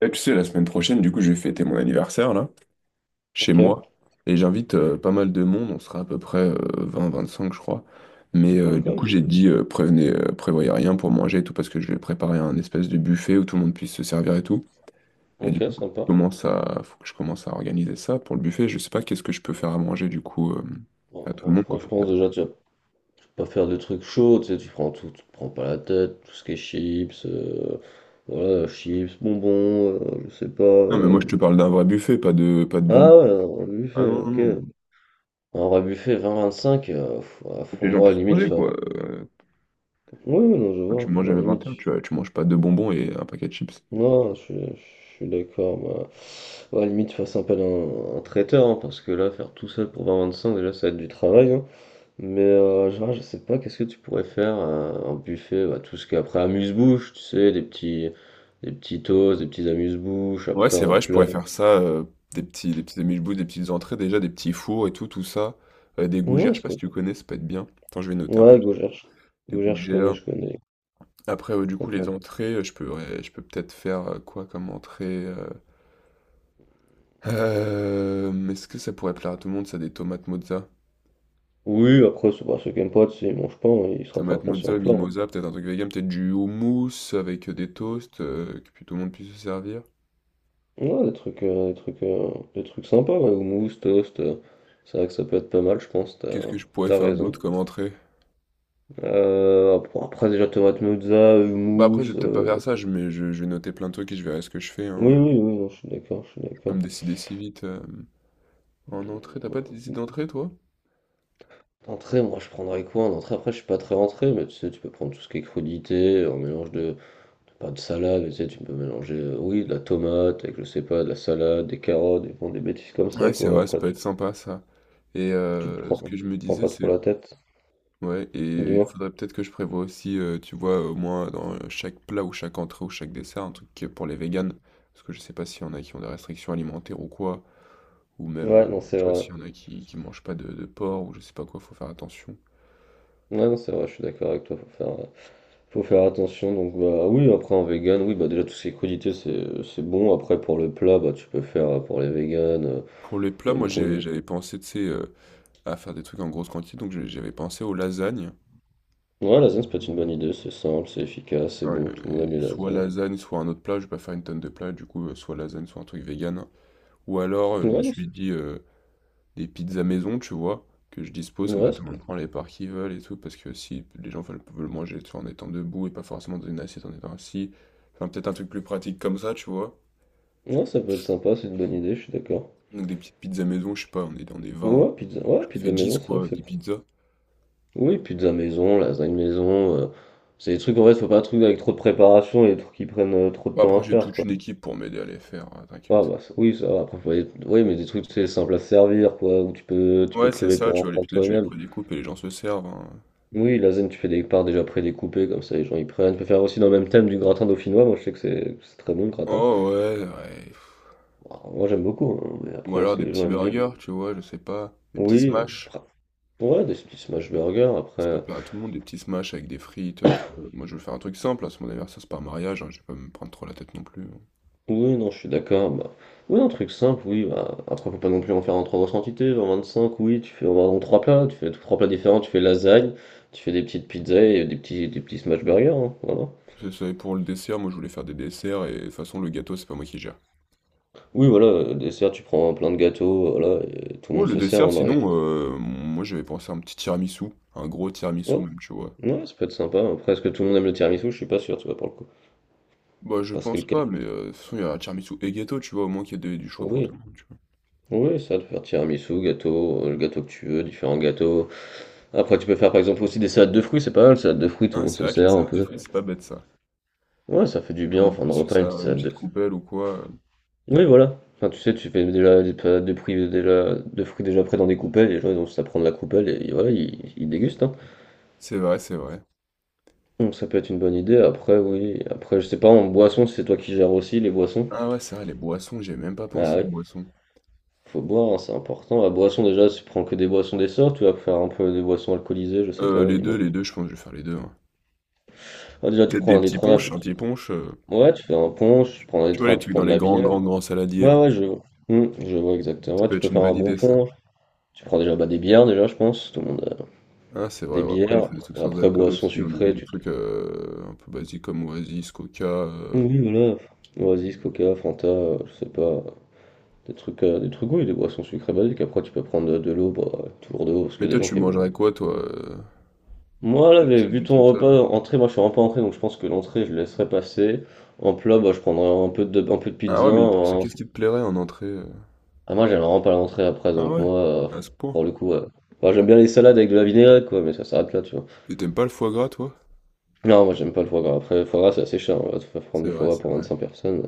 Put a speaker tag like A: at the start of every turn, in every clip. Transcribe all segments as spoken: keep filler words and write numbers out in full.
A: Et tu sais, la semaine prochaine, du coup, je vais fêter mon anniversaire, là, chez
B: Ok.
A: moi. Et j'invite euh, pas mal de monde, on sera à peu près vingt vingt-cinq, je crois. Mais
B: Ah,
A: euh,
B: quand
A: du
B: même,
A: coup,
B: c'est-
A: j'ai dit, euh, prévenez, euh, prévoyez rien pour manger et tout, parce que je vais préparer un espèce de buffet où tout le monde puisse se servir et tout. Et du
B: Ok,
A: coup, je
B: sympa.
A: commence à, faut que je commence à organiser ça pour le buffet. Je sais pas qu'est-ce que je peux faire à manger, du coup, euh,
B: Bon,
A: à tout
B: bon,
A: le monde, quoi.
B: franchement, déjà, tu vas pas faire de trucs chauds, tu sais, tu prends tout, tu te prends pas la tête, tout ce qui est chips, euh, voilà, chips, bonbons, euh, je sais pas.
A: Non, mais moi,
B: Euh.
A: je te parle d'un vrai buffet, pas de, pas de bonbons.
B: Ah ouais, un vrai
A: Ah
B: buffet,
A: non, non,
B: ok.
A: non.
B: Un vrai buffet vingt vingt-cinq, euh, pff, ouais,
A: Faut que
B: pour
A: les gens
B: moi, à la
A: puissent
B: limite,
A: manger,
B: enfin.
A: quoi. Euh,
B: Oui, oui, non, je
A: quand tu manges
B: vois, à
A: à
B: la limite.
A: vingt et un, tu, tu manges pas deux bonbons et un paquet de chips.
B: Non, je, suis je suis d'accord, bah, ouais, à la limite, fasse appel à un, un traiteur, hein, parce que là, faire tout seul pour vingt à vingt-cinq, déjà, ça va être du travail. Mais euh, genre, je sais pas, qu'est-ce que tu pourrais faire euh, un buffet, bah, tout ce qui est après amuse-bouche, tu sais, des petits, des petits toasts, des petits amuse-bouches,
A: Ouais,
B: après
A: c'est
B: en
A: vrai, je
B: plat.
A: pourrais faire ça, heu, des petits des petits sandwichs bouts, des petites entrées déjà, des petits fours et tout, tout ça, heu, des gougères,
B: Ouais,
A: je sais
B: c'est
A: pas
B: pas...
A: si tu connais, ça peut être bien. Attends, je vais noter un peu.
B: ouais, Gaugère, je...
A: Des
B: Gaugère, je connais,
A: gougères,
B: je connais.
A: après, heu, du coup, les
B: Après,
A: entrées, heu, je pourrais je peux peut-être faire, heu, quoi comme entrée, heu? Hem, est-ce que ça pourrait plaire à tout le monde ça, des tomates mozza?
B: oui, après, c'est pas ceux qui aiment pas, tu sais, ils mangent pas, hein, ils se
A: Tomates
B: rattraperont sur
A: mozza,
B: le plat. Hein.
A: mimosa, peut-être un truc vegan, peut-être du houmous avec, heu, des toasts, heu, que pu tout le monde puisse se servir.
B: Ouais, des trucs, euh, des trucs, euh, des trucs sympas, ouais, ou mousse, toast, euh, c'est vrai que ça peut être pas mal, je pense, t'as,
A: Qu'est-ce que je pourrais
B: t'as
A: faire d'autre
B: raison.
A: comme entrée?
B: Euh, après, après, déjà, tomate mozza,
A: Bah, après, je
B: hummus,
A: vais peut-être pas
B: euh,
A: faire ça, je mais je je vais noter plein de trucs et je verrai ce que je fais,
B: oui,
A: hein.
B: oui, oui, non, je suis d'accord, je suis
A: Comme
B: d'accord.
A: décider si vite, heu, en entrée, t'as pas décidé d'entrée, toi?
B: Entrée, moi je prendrais quoi en entrée? Après, je suis pas très entrée, mais tu sais, tu peux prendre tout ce qui est crudité, un mélange de, pas de salade, mais tu sais, tu peux mélanger, euh, oui, de la tomate, avec je sais pas, de la salade, des carottes, des, bon, des bêtises comme ça,
A: Ouais, c'est
B: quoi.
A: vrai, ça
B: Après,
A: peut
B: tu,
A: être sympa ça et
B: tu te
A: heu,
B: prends,
A: ce
B: tu
A: que je me
B: te prends
A: disais,
B: pas
A: c'est
B: trop la tête,
A: ouais, et il
B: dis-moi.
A: faudrait peut-être que je prévoie aussi, heu, tu vois, au moins dans chaque plat ou chaque entrée ou chaque dessert, un truc qui est pour les véganes. Parce que je sais pas s'il y en a qui ont des restrictions alimentaires ou quoi, ou même, heu,
B: Ouais, non, c'est
A: je sais pas
B: vrai.
A: s'il y en a qui qui mangent pas de de porc ou je sais pas quoi, faut faire attention.
B: Ouais, non, c'est vrai, je suis d'accord avec toi, faut faire, euh, faut faire attention. Donc, bah oui, après en vegan, oui, bah déjà, tout ce qui est crudité, c'est, c'est bon. Après, pour le plat, bah tu peux faire euh, pour les véganes, euh,
A: Pour les plats, moi
B: bonne
A: j'ai
B: poignée.
A: j'avais pensé, tu sais, heu, à faire des trucs en grosse quantité, donc j'ai j'avais pensé aux lasagnes.
B: Ouais, lasagne, ça peut être une bonne idée, c'est simple, c'est efficace, c'est
A: Enfin,
B: bon, tout le monde aime les
A: soit
B: lasagnes.
A: lasagne, soit un autre plat, je vais pas faire une tonne de plats, du coup, heu, soit lasagne, soit un truc vegan. Ou alors, heu, je me
B: Ouais, non,
A: suis
B: c'est-
A: dit, heu, des pizzas maison, tu vois? Que je dispose, comme ça
B: ouais, ça
A: tout le
B: peut...
A: monde prend les parts qu'ils veulent et tout, parce que si les gens veulent veulent manger, tu vois, en étant debout et pas forcément dans une assiette en étant assis. Enfin, peut-être un truc plus pratique comme ça, tu vois?
B: ouais, ça peut être sympa, c'est une bonne idée, je suis d'accord.
A: Donc des petites pizzas maison, je sais pas, on est on est vingt,
B: Ouais, pizza... ouais,
A: je fais
B: pizza
A: dix
B: maison, c'est vrai que
A: quoi,
B: c'est
A: dix
B: cool.
A: pizzas.
B: Oui, pizza maison, lasagne maison. Euh, C'est des trucs, en fait, faut pas un truc avec trop de préparation et des trucs qui prennent euh, trop de
A: Bon
B: temps
A: après
B: à
A: j'ai
B: faire,
A: toute
B: quoi.
A: une équipe pour m'aider à les faire, heu,
B: Ah,
A: t'inquiète.
B: bah, ça- oui, ça va. Après, faut aller- oui, mais des trucs, c'est simple à servir, quoi, où tu peux, tu peux
A: Ouais,
B: te
A: c'est
B: lever
A: ça,
B: pour
A: tu
B: en
A: vois? Les
B: prendre
A: pizzas, tu les
B: toi-même.
A: prédécoupes et les gens se servent, hein.
B: Oui, lasagne, tu fais des parts déjà prédécoupées, comme ça, les gens y prennent. Tu peux faire aussi dans le même thème du gratin dauphinois, moi, je sais que c'est c'est très bon, le gratin.
A: Oh ouais, ouais.
B: Alors, moi, j'aime beaucoup, hein, mais
A: Ou
B: après, est-ce
A: alors
B: que
A: des
B: les gens
A: petits
B: aiment bien?
A: burgers, tu vois, je sais pas, des petits
B: Oui.
A: smash.
B: Ouais, des petits smash burgers,
A: Ça peut
B: après.
A: plaire à tout le monde, des petits smash avec des frites, euh, tu vois. Moi, je veux faire un truc simple, là, c'est mon anniversaire, c'est pas un mariage, hein, je vais pas me prendre trop la tête non plus, hein.
B: Oui, non, je suis d'accord. Bah... Oui, un truc simple, oui. Bah... Après, faut pas non plus en faire en trop grosse quantité. En vingt-cinq, oui, tu fais en trois plats, tu fais trois plats différents, tu fais lasagne, tu fais des petites pizzas et des petits, des petits smash burgers. Hein, voilà.
A: C'est ça, et pour le dessert, moi, je voulais faire des desserts, et de toute façon, le gâteau, c'est pas moi qui gère.
B: Oui, voilà, euh, dessert, tu prends plein de gâteaux, voilà, et tout le
A: Ouais,
B: monde
A: le
B: se sert.
A: dessert,
B: Hein, avec...
A: sinon, euh, moi, j'avais pensé à un petit tiramisu, un gros tiramisu
B: ouais,
A: même, tu vois.
B: ouais, ça peut être sympa. Après, est-ce que tout le monde aime le tiramisu? Je suis pas sûr, tu vois, pour le coup.
A: Bah, je
B: Parce que
A: pense
B: le
A: pas, mais
B: café.
A: euh, de toute façon, il y a tiramisu et gâteau, tu vois, au moins qu'il y a de- du choix pour tout
B: Oui,
A: le monde, tu vois.
B: oui, ça, de faire tiramisu, gâteau, euh, le gâteau que tu veux, différents gâteaux. Après, tu peux faire par exemple aussi des salades de fruits, c'est pas mal, salade de fruits, tout le
A: Ah,
B: monde
A: c'est
B: se
A: vrai que les
B: sert un
A: salades de
B: peu.
A: fruits, c'est pas bête, ça.
B: Ouais, ça fait du
A: Tout
B: bien
A: le
B: en
A: monde
B: fin de
A: puisse se
B: repas, une petite
A: servir une
B: salade
A: petite
B: de.
A: coupelle ou quoi, euh.
B: Oui, voilà. Enfin, tu sais, tu fais déjà des salades de fruits déjà, de fruits déjà prêts dans des coupelles, les gens ils ont juste à prendre la coupelle et voilà, ils, ils dégustent. Hein.
A: C'est vrai, c'est vrai.
B: Donc ça peut être une bonne idée. Après, oui. Après, je sais pas, en boisson, si c'est toi qui gères aussi les boissons.
A: Ah ouais, c'est vrai, les boissons, j'ai même pas
B: Ah
A: pensé aux
B: oui,
A: boissons.
B: faut boire, hein, c'est important. La boisson, déjà, tu prends que des boissons des sorts, tu vas faire un peu des boissons alcoolisées, je sais
A: Euh,
B: pas,
A: les deux,
B: dis-moi.
A: les deux, je pense que je vais faire les deux, hein.
B: Ah, déjà, tu
A: Peut-être
B: prends
A: des petits
B: l'indétrônable, tu
A: ponches, un petit
B: prends-
A: punch, euh,
B: Ouais, tu fais un punch, tu prends
A: tu vois, les
B: l'indétrônable, tu
A: trucs
B: prends
A: dans
B: de
A: les
B: la
A: grands,
B: bière.
A: grands, grands saladiers,
B: Ouais,
A: là.
B: ouais, je, vois. Hmm, je vois exactement.
A: Ça
B: Ouais,
A: peut
B: tu peux
A: être une
B: faire un
A: bonne
B: bon
A: idée, ça.
B: pont. Tu prends déjà bah, des bières, déjà, je pense. Tout le monde a
A: Ah, c'est vrai,
B: des
A: ouais, après, il
B: bières.
A: faut des trucs sans
B: Après,
A: alcool
B: boissons
A: aussi, hein, des,
B: sucrées.
A: des
B: Tu...
A: trucs euh, un peu basiques comme Oasis, Coca, euh.
B: Oui, voilà. Oasis, Coca, Fanta, euh, je sais pas. Des trucs, euh, des trucs, oui, des boissons sucrées basiques. Après, tu peux prendre de, de l'eau, bah, toujours de l'eau, parce
A: Mais
B: qu'il y a
A: toi,
B: des gens
A: tu
B: qui aiment. Euh.
A: mangerais quoi, toi euh,
B: Moi, là, j'ai
A: si y
B: vu
A: avait
B: ton
A: tout ça, là.
B: repas, entrée, moi, je suis vraiment pas entrée, donc je pense que l'entrée, je laisserai passer. En plat, bah, je prendrai un peu de, un peu de
A: Ah
B: pizza,
A: ouais, mais c'est-
B: un
A: qu'est-ce qui te plairait en entrée, euh
B: Ah, moi, j'aime vraiment pas l'entrée après,
A: Ah
B: donc
A: ouais,
B: moi, euh,
A: à ce point.
B: pour le coup, euh, moi, j'aime bien les salades avec de la vinaigrette, quoi, mais ça s'arrête là, tu vois.
A: Et t'aimes pas le foie gras, toi?
B: Non, moi, j'aime pas le foie gras. Après, le foie gras, c'est assez cher, on va te faire prendre
A: C'est
B: du foie
A: vrai,
B: gras
A: c'est
B: pour
A: vrai.
B: vingt-cinq personnes.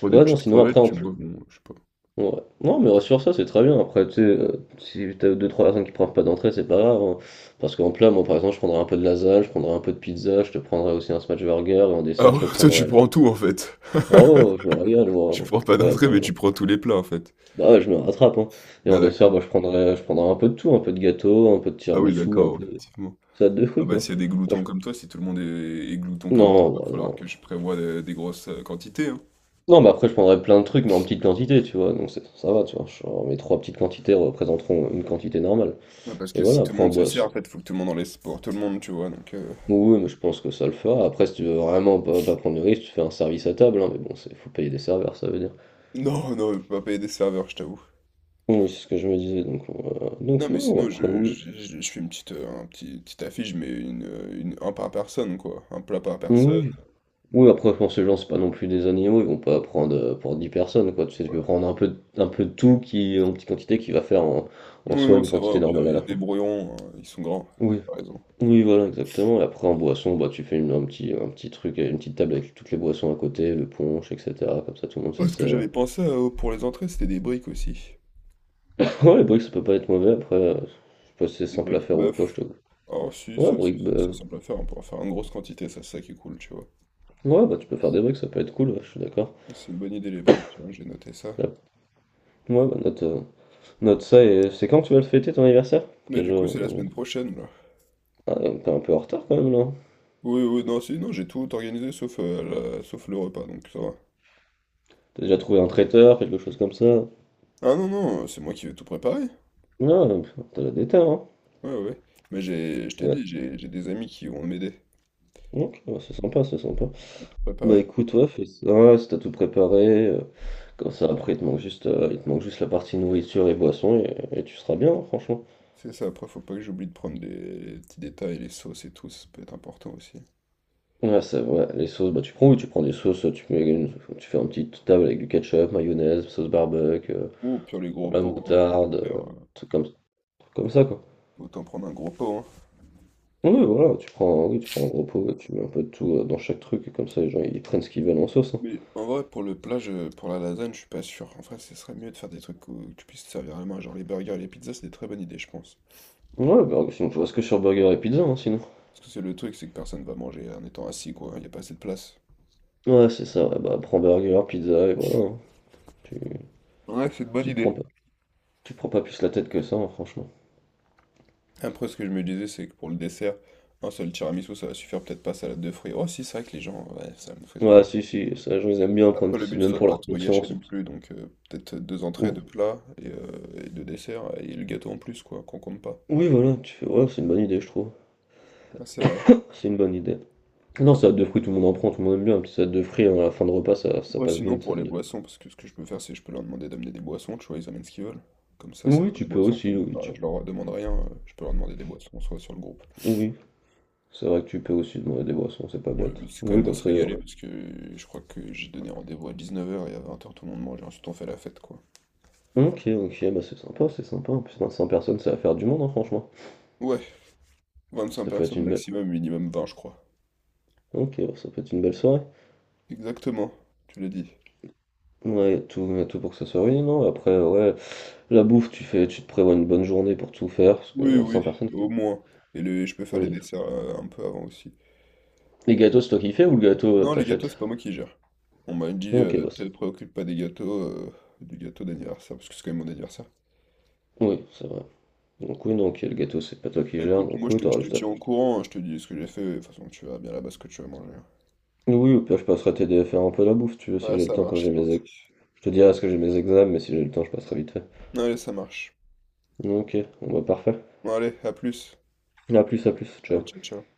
A: Pour des
B: Ouais, non,
A: petites
B: sinon,
A: crevettes,
B: après, en
A: tu
B: plus.
A: bois, bon, je sais pas.
B: Ouais. Non, mais sur ça, c'est très bien. Après, tu sais, euh, si t'as deux trois personnes qui prennent pas d'entrée, c'est pas grave. Hein. Parce qu'en plat, moi, par exemple, je prendrais un peu de lasagne, je prendrais un peu de pizza, je te prendrais aussi un smash burger, et en
A: Ah
B: dessert,
A: ouais,
B: je te
A: toi, tu
B: prendrais.
A: prends tout, en fait.
B: Oh, je me régale, moi.
A: Tu
B: Hein.
A: prends pas
B: Et
A: d'entrée,
B: après.
A: mais tu prends tous les plats, en fait.
B: Ah ouais, je me rattrape, hein. Et en
A: Ah,
B: dessert,
A: d'accord.
B: bah, je prendrais, je prendrais un peu de tout, un peu de gâteau, un peu de
A: Ah oui,
B: tiramisu, un
A: d'accord,
B: peu de
A: effectivement.
B: salade de
A: Ah
B: fruits,
A: bah,
B: quoi.
A: s'il y a des
B: Moi,
A: gloutons
B: je-
A: comme toi, si tout le monde est, est glouton comme toi,
B: Non,
A: va
B: bah,
A: falloir
B: non.
A: que je prévoie des, des grosses euh, quantités, hein.
B: Non, mais après, je prendrais plein de trucs, mais en petite quantité, tu vois. Donc, c'est- ça va, tu vois. Genre, mes trois petites quantités représenteront une quantité normale.
A: Ouais, parce
B: Et
A: que
B: voilà,
A: si tout le
B: après, en
A: monde se sert,
B: boisson.
A: en fait, faut que tout le monde en laisse pour tout le monde, tu vois, donc... euh,
B: Oui, mais je pense que ça le fera. Après, si tu veux vraiment pas, pas prendre de risque, tu fais un service à table, hein. Mais bon, c'est, faut payer des serveurs, ça veut dire.
A: Non, non, je peux pas payer des serveurs, je t'avoue.
B: Oui, c'est ce que je me disais. Donc, euh,
A: Non,
B: donc
A: mais
B: non,
A: sinon,
B: après,
A: je,
B: oui.
A: je, je- je fais une petite, euh, un petit, petite affiche, mais une, euh, une, un par personne, quoi. Un plat par personne,
B: Oui, oui, après, je pense que les gens, c'est pas non plus des animaux, ils vont pas prendre euh, pour dix personnes, quoi. Tu sais, tu peux
A: voilà.
B: prendre un peu, un peu de tout qui, en petite quantité qui va faire en, en
A: Non,
B: soi
A: non,
B: une
A: c'est vrai,
B: quantité
A: au pire,
B: normale à
A: ils
B: la
A: se
B: fois.
A: débrouilleront, hein, ils sont grands,
B: Oui,
A: t'as raison.
B: oui, voilà, exactement. Et après, en boisson, bah, tu fais une, un petit, un petit truc, une petite table avec toutes les boissons à côté, le punch, et cetera. Comme ça, tout le monde se
A: Oh, ce que
B: sert.
A: j'avais pensé euh, pour les entrées, c'était des briques aussi.
B: Ouais, les briques, ça peut pas être mauvais. Après, euh, je sais pas si c'est
A: Les
B: simple à
A: briques
B: faire ou quoi, je
A: bœuf.
B: te.
A: Oh si,
B: Ouais,
A: ça c'est
B: briques, bah,
A: c'est
B: euh,
A: assez simple à faire, on peut en faire en grosse quantité, ça c'est ça qui est cool, tu vois.
B: ouais, bah, tu peux faire des briques, ça peut être cool, ouais, je suis d'accord.
A: C'est une bonne idée les briques, tiens, j'ai noté ça.
B: Ouais, bah, note, euh, note ça et c'est quand tu vas le fêter ton anniversaire?
A: Mais
B: Quel
A: du coup c'est la
B: jour?
A: semaine prochaine là.
B: Ah, t'es un peu en retard quand même là.
A: Oui, oui, non, si, non, j'ai tout organisé sauf, euh, la- sauf le repas, donc ça va.
B: T'as déjà trouvé un traiteur, quelque chose comme ça.
A: Ah non, non, c'est moi qui vais tout préparer.
B: Non, euh, t'as la déter, hein.
A: Ouais, ouais, ouais. Mais j'ai, je
B: T'as
A: t'ai
B: la-
A: dit, j'ai j'ai des amis qui vont m'aider
B: Ok, ouais, c'est sympa, c'est sympa.
A: à tout
B: Bah
A: préparer.
B: écoute, ouais, fais ça, ouais, si t'as tout préparé, euh, comme ça après il te manque juste, euh, il te manque juste la partie nourriture et boisson et, et tu seras bien, hein, franchement.
A: C'est ça, après faut pas que j'oublie de prendre les petits détails, les sauces et tout, ça peut être important aussi.
B: Ouais, c'est vrai, les sauces, bah tu prends où? Tu prends des sauces, tu mets une- tu fais une petite table avec du ketchup, mayonnaise, sauce barbecue, euh,
A: Ou pire les gros
B: la
A: pots, hein, tant qu'à
B: moutarde, euh,
A: faire, euh,
B: truc comme, truc comme ça quoi.
A: autant prendre un gros pot, hein.
B: Oui, voilà, tu prends, oui, tu prends un gros pot, tu mets un peu de tout euh, dans chaque truc, et comme ça les gens ils prennent ce qu'ils veulent en sauce. Hein.
A: Mais en vrai, pour le plat, je- pour la lasagne, je suis pas sûr. En vrai, ce serait mieux de faire des trucs où tu puisses te servir à la main. Genre les burgers et les pizzas, c'est des très bonnes idées, je pense.
B: Ouais, bah, sinon tu reste que sur burger et pizza, hein, sinon.
A: Parce que c'est le truc, c'est que personne va manger en étant assis, quoi. Il n'y a pas assez de place.
B: Ouais, c'est ça, ouais, bah prends burger, pizza, et voilà. hein. Tu,
A: Ouais, c'est une bonne
B: tu te prends
A: idée.
B: pas, tu te prends pas plus la tête que ça, hein, franchement.
A: Après, ce que je me disais, c'est que pour le dessert, un seul tiramisu, ça va suffire peut-être pas salade de fruits. Oh, si, c'est vrai que les gens, ouais, salade de fruits, c'est pas... dit.
B: Ouais, si, si, ça, les gens ils aiment bien
A: Après,
B: prendre,
A: le
B: c'est
A: but, ce
B: même
A: serait de
B: pour
A: pas de
B: leur
A: trop gâcher
B: conscience. Et
A: non
B: puis-
A: plus. Donc, euh, peut-être deux entrées, deux
B: Ou-
A: plats et, euh, et deux desserts et le gâteau en plus, quoi, qu'on compte pas.
B: Oui, voilà, tu fais, ouais, c'est une bonne idée, je trouve.
A: Ah, c'est vrai.
B: C'est une bonne idée. Non,
A: Après,
B: salade
A: pour
B: de fruits, tout le monde en prend, tout le monde aime bien, un petit salade de fruits, hein, à la fin de repas, ça, ça
A: Ouais,
B: passe bien,
A: sinon
B: une
A: pour
B: salade
A: les
B: de
A: boissons, parce que ce que je peux faire, c'est je peux leur demander d'amener des boissons, tu vois, ils amènent ce qu'ils veulent.
B: fruits.
A: Comme ça, ça
B: Oui,
A: fera des
B: tu peux
A: boissons.
B: aussi,
A: Comme ils
B: oui, tu...
A: je leur demande rien, euh, je peux leur demander des boissons, soit sur le groupe.
B: oui. C'est vrai que tu peux aussi demander des boissons, c'est pas
A: Moi, le
B: bête.
A: but, c'est quand même
B: Oui,
A: de
B: comme
A: se
B: ça. C'est
A: régaler,
B: cool.
A: parce que je crois que j'ai donné rendez-vous à dix-neuf heures et à vingt heures, tout le monde mange, et ensuite on fait la fête, quoi.
B: Ok, ok, bah c'est sympa, c'est sympa. En plus, vingt-cinq personnes, ça va faire du monde, hein, franchement.
A: Ouais, vingt-cinq
B: Ça peut être
A: personnes
B: une belle.
A: maximum, minimum vingt, je crois.
B: Ok, bah, ça peut être une belle soirée.
A: Exactement, tu l'as dit.
B: Ouais, y a tout, y a tout pour que ça soit oui, non. Après, ouais, la bouffe, tu fais, tu te prévois une bonne journée pour tout faire, parce que
A: Oui, oui,
B: vingt-cinq personnes.
A: au moins. Et le, je peux faire les
B: Oui.
A: desserts euh, un peu avant aussi.
B: Les gâteaux, c'est toi qui fais ou le gâteau, euh,
A: Non, les gâteaux,
B: t'achètes?
A: c'est pas moi qui gère. On m'a dit,
B: Ok,
A: euh,
B: bah
A: te
B: ça.
A: préoccupe pas des gâteaux, euh, du gâteau d'anniversaire, parce que c'est quand même mon anniversaire.
B: Oui, c'est vrai. Donc oui, donc le gâteau, c'est pas toi qui
A: Bah,
B: gère,
A: écoute, moi
B: donc
A: je
B: oui,
A: te, je
B: t'auras
A: te
B: juste à
A: tiens
B: faire.
A: au courant, hein, je te dis ce que j'ai fait, de toute façon tu verras bien là-bas ce que tu vas manger.
B: Oui, au pire, je passerai t'aider à faire un peu la bouffe, si tu veux, si
A: Ouais,
B: j'ai le
A: ça
B: temps, comme
A: marche,
B: j'ai
A: c'est
B: mes
A: gentil.
B: ex... Je te dirai ce que j'ai mes examens, mais si j'ai le temps, je passerai vite fait.
A: Allez, ça marche.
B: Ok, bon bah parfait.
A: Bon, allez, à plus.
B: À plus, à plus,
A: Allez,
B: ciao.
A: ciao, ciao.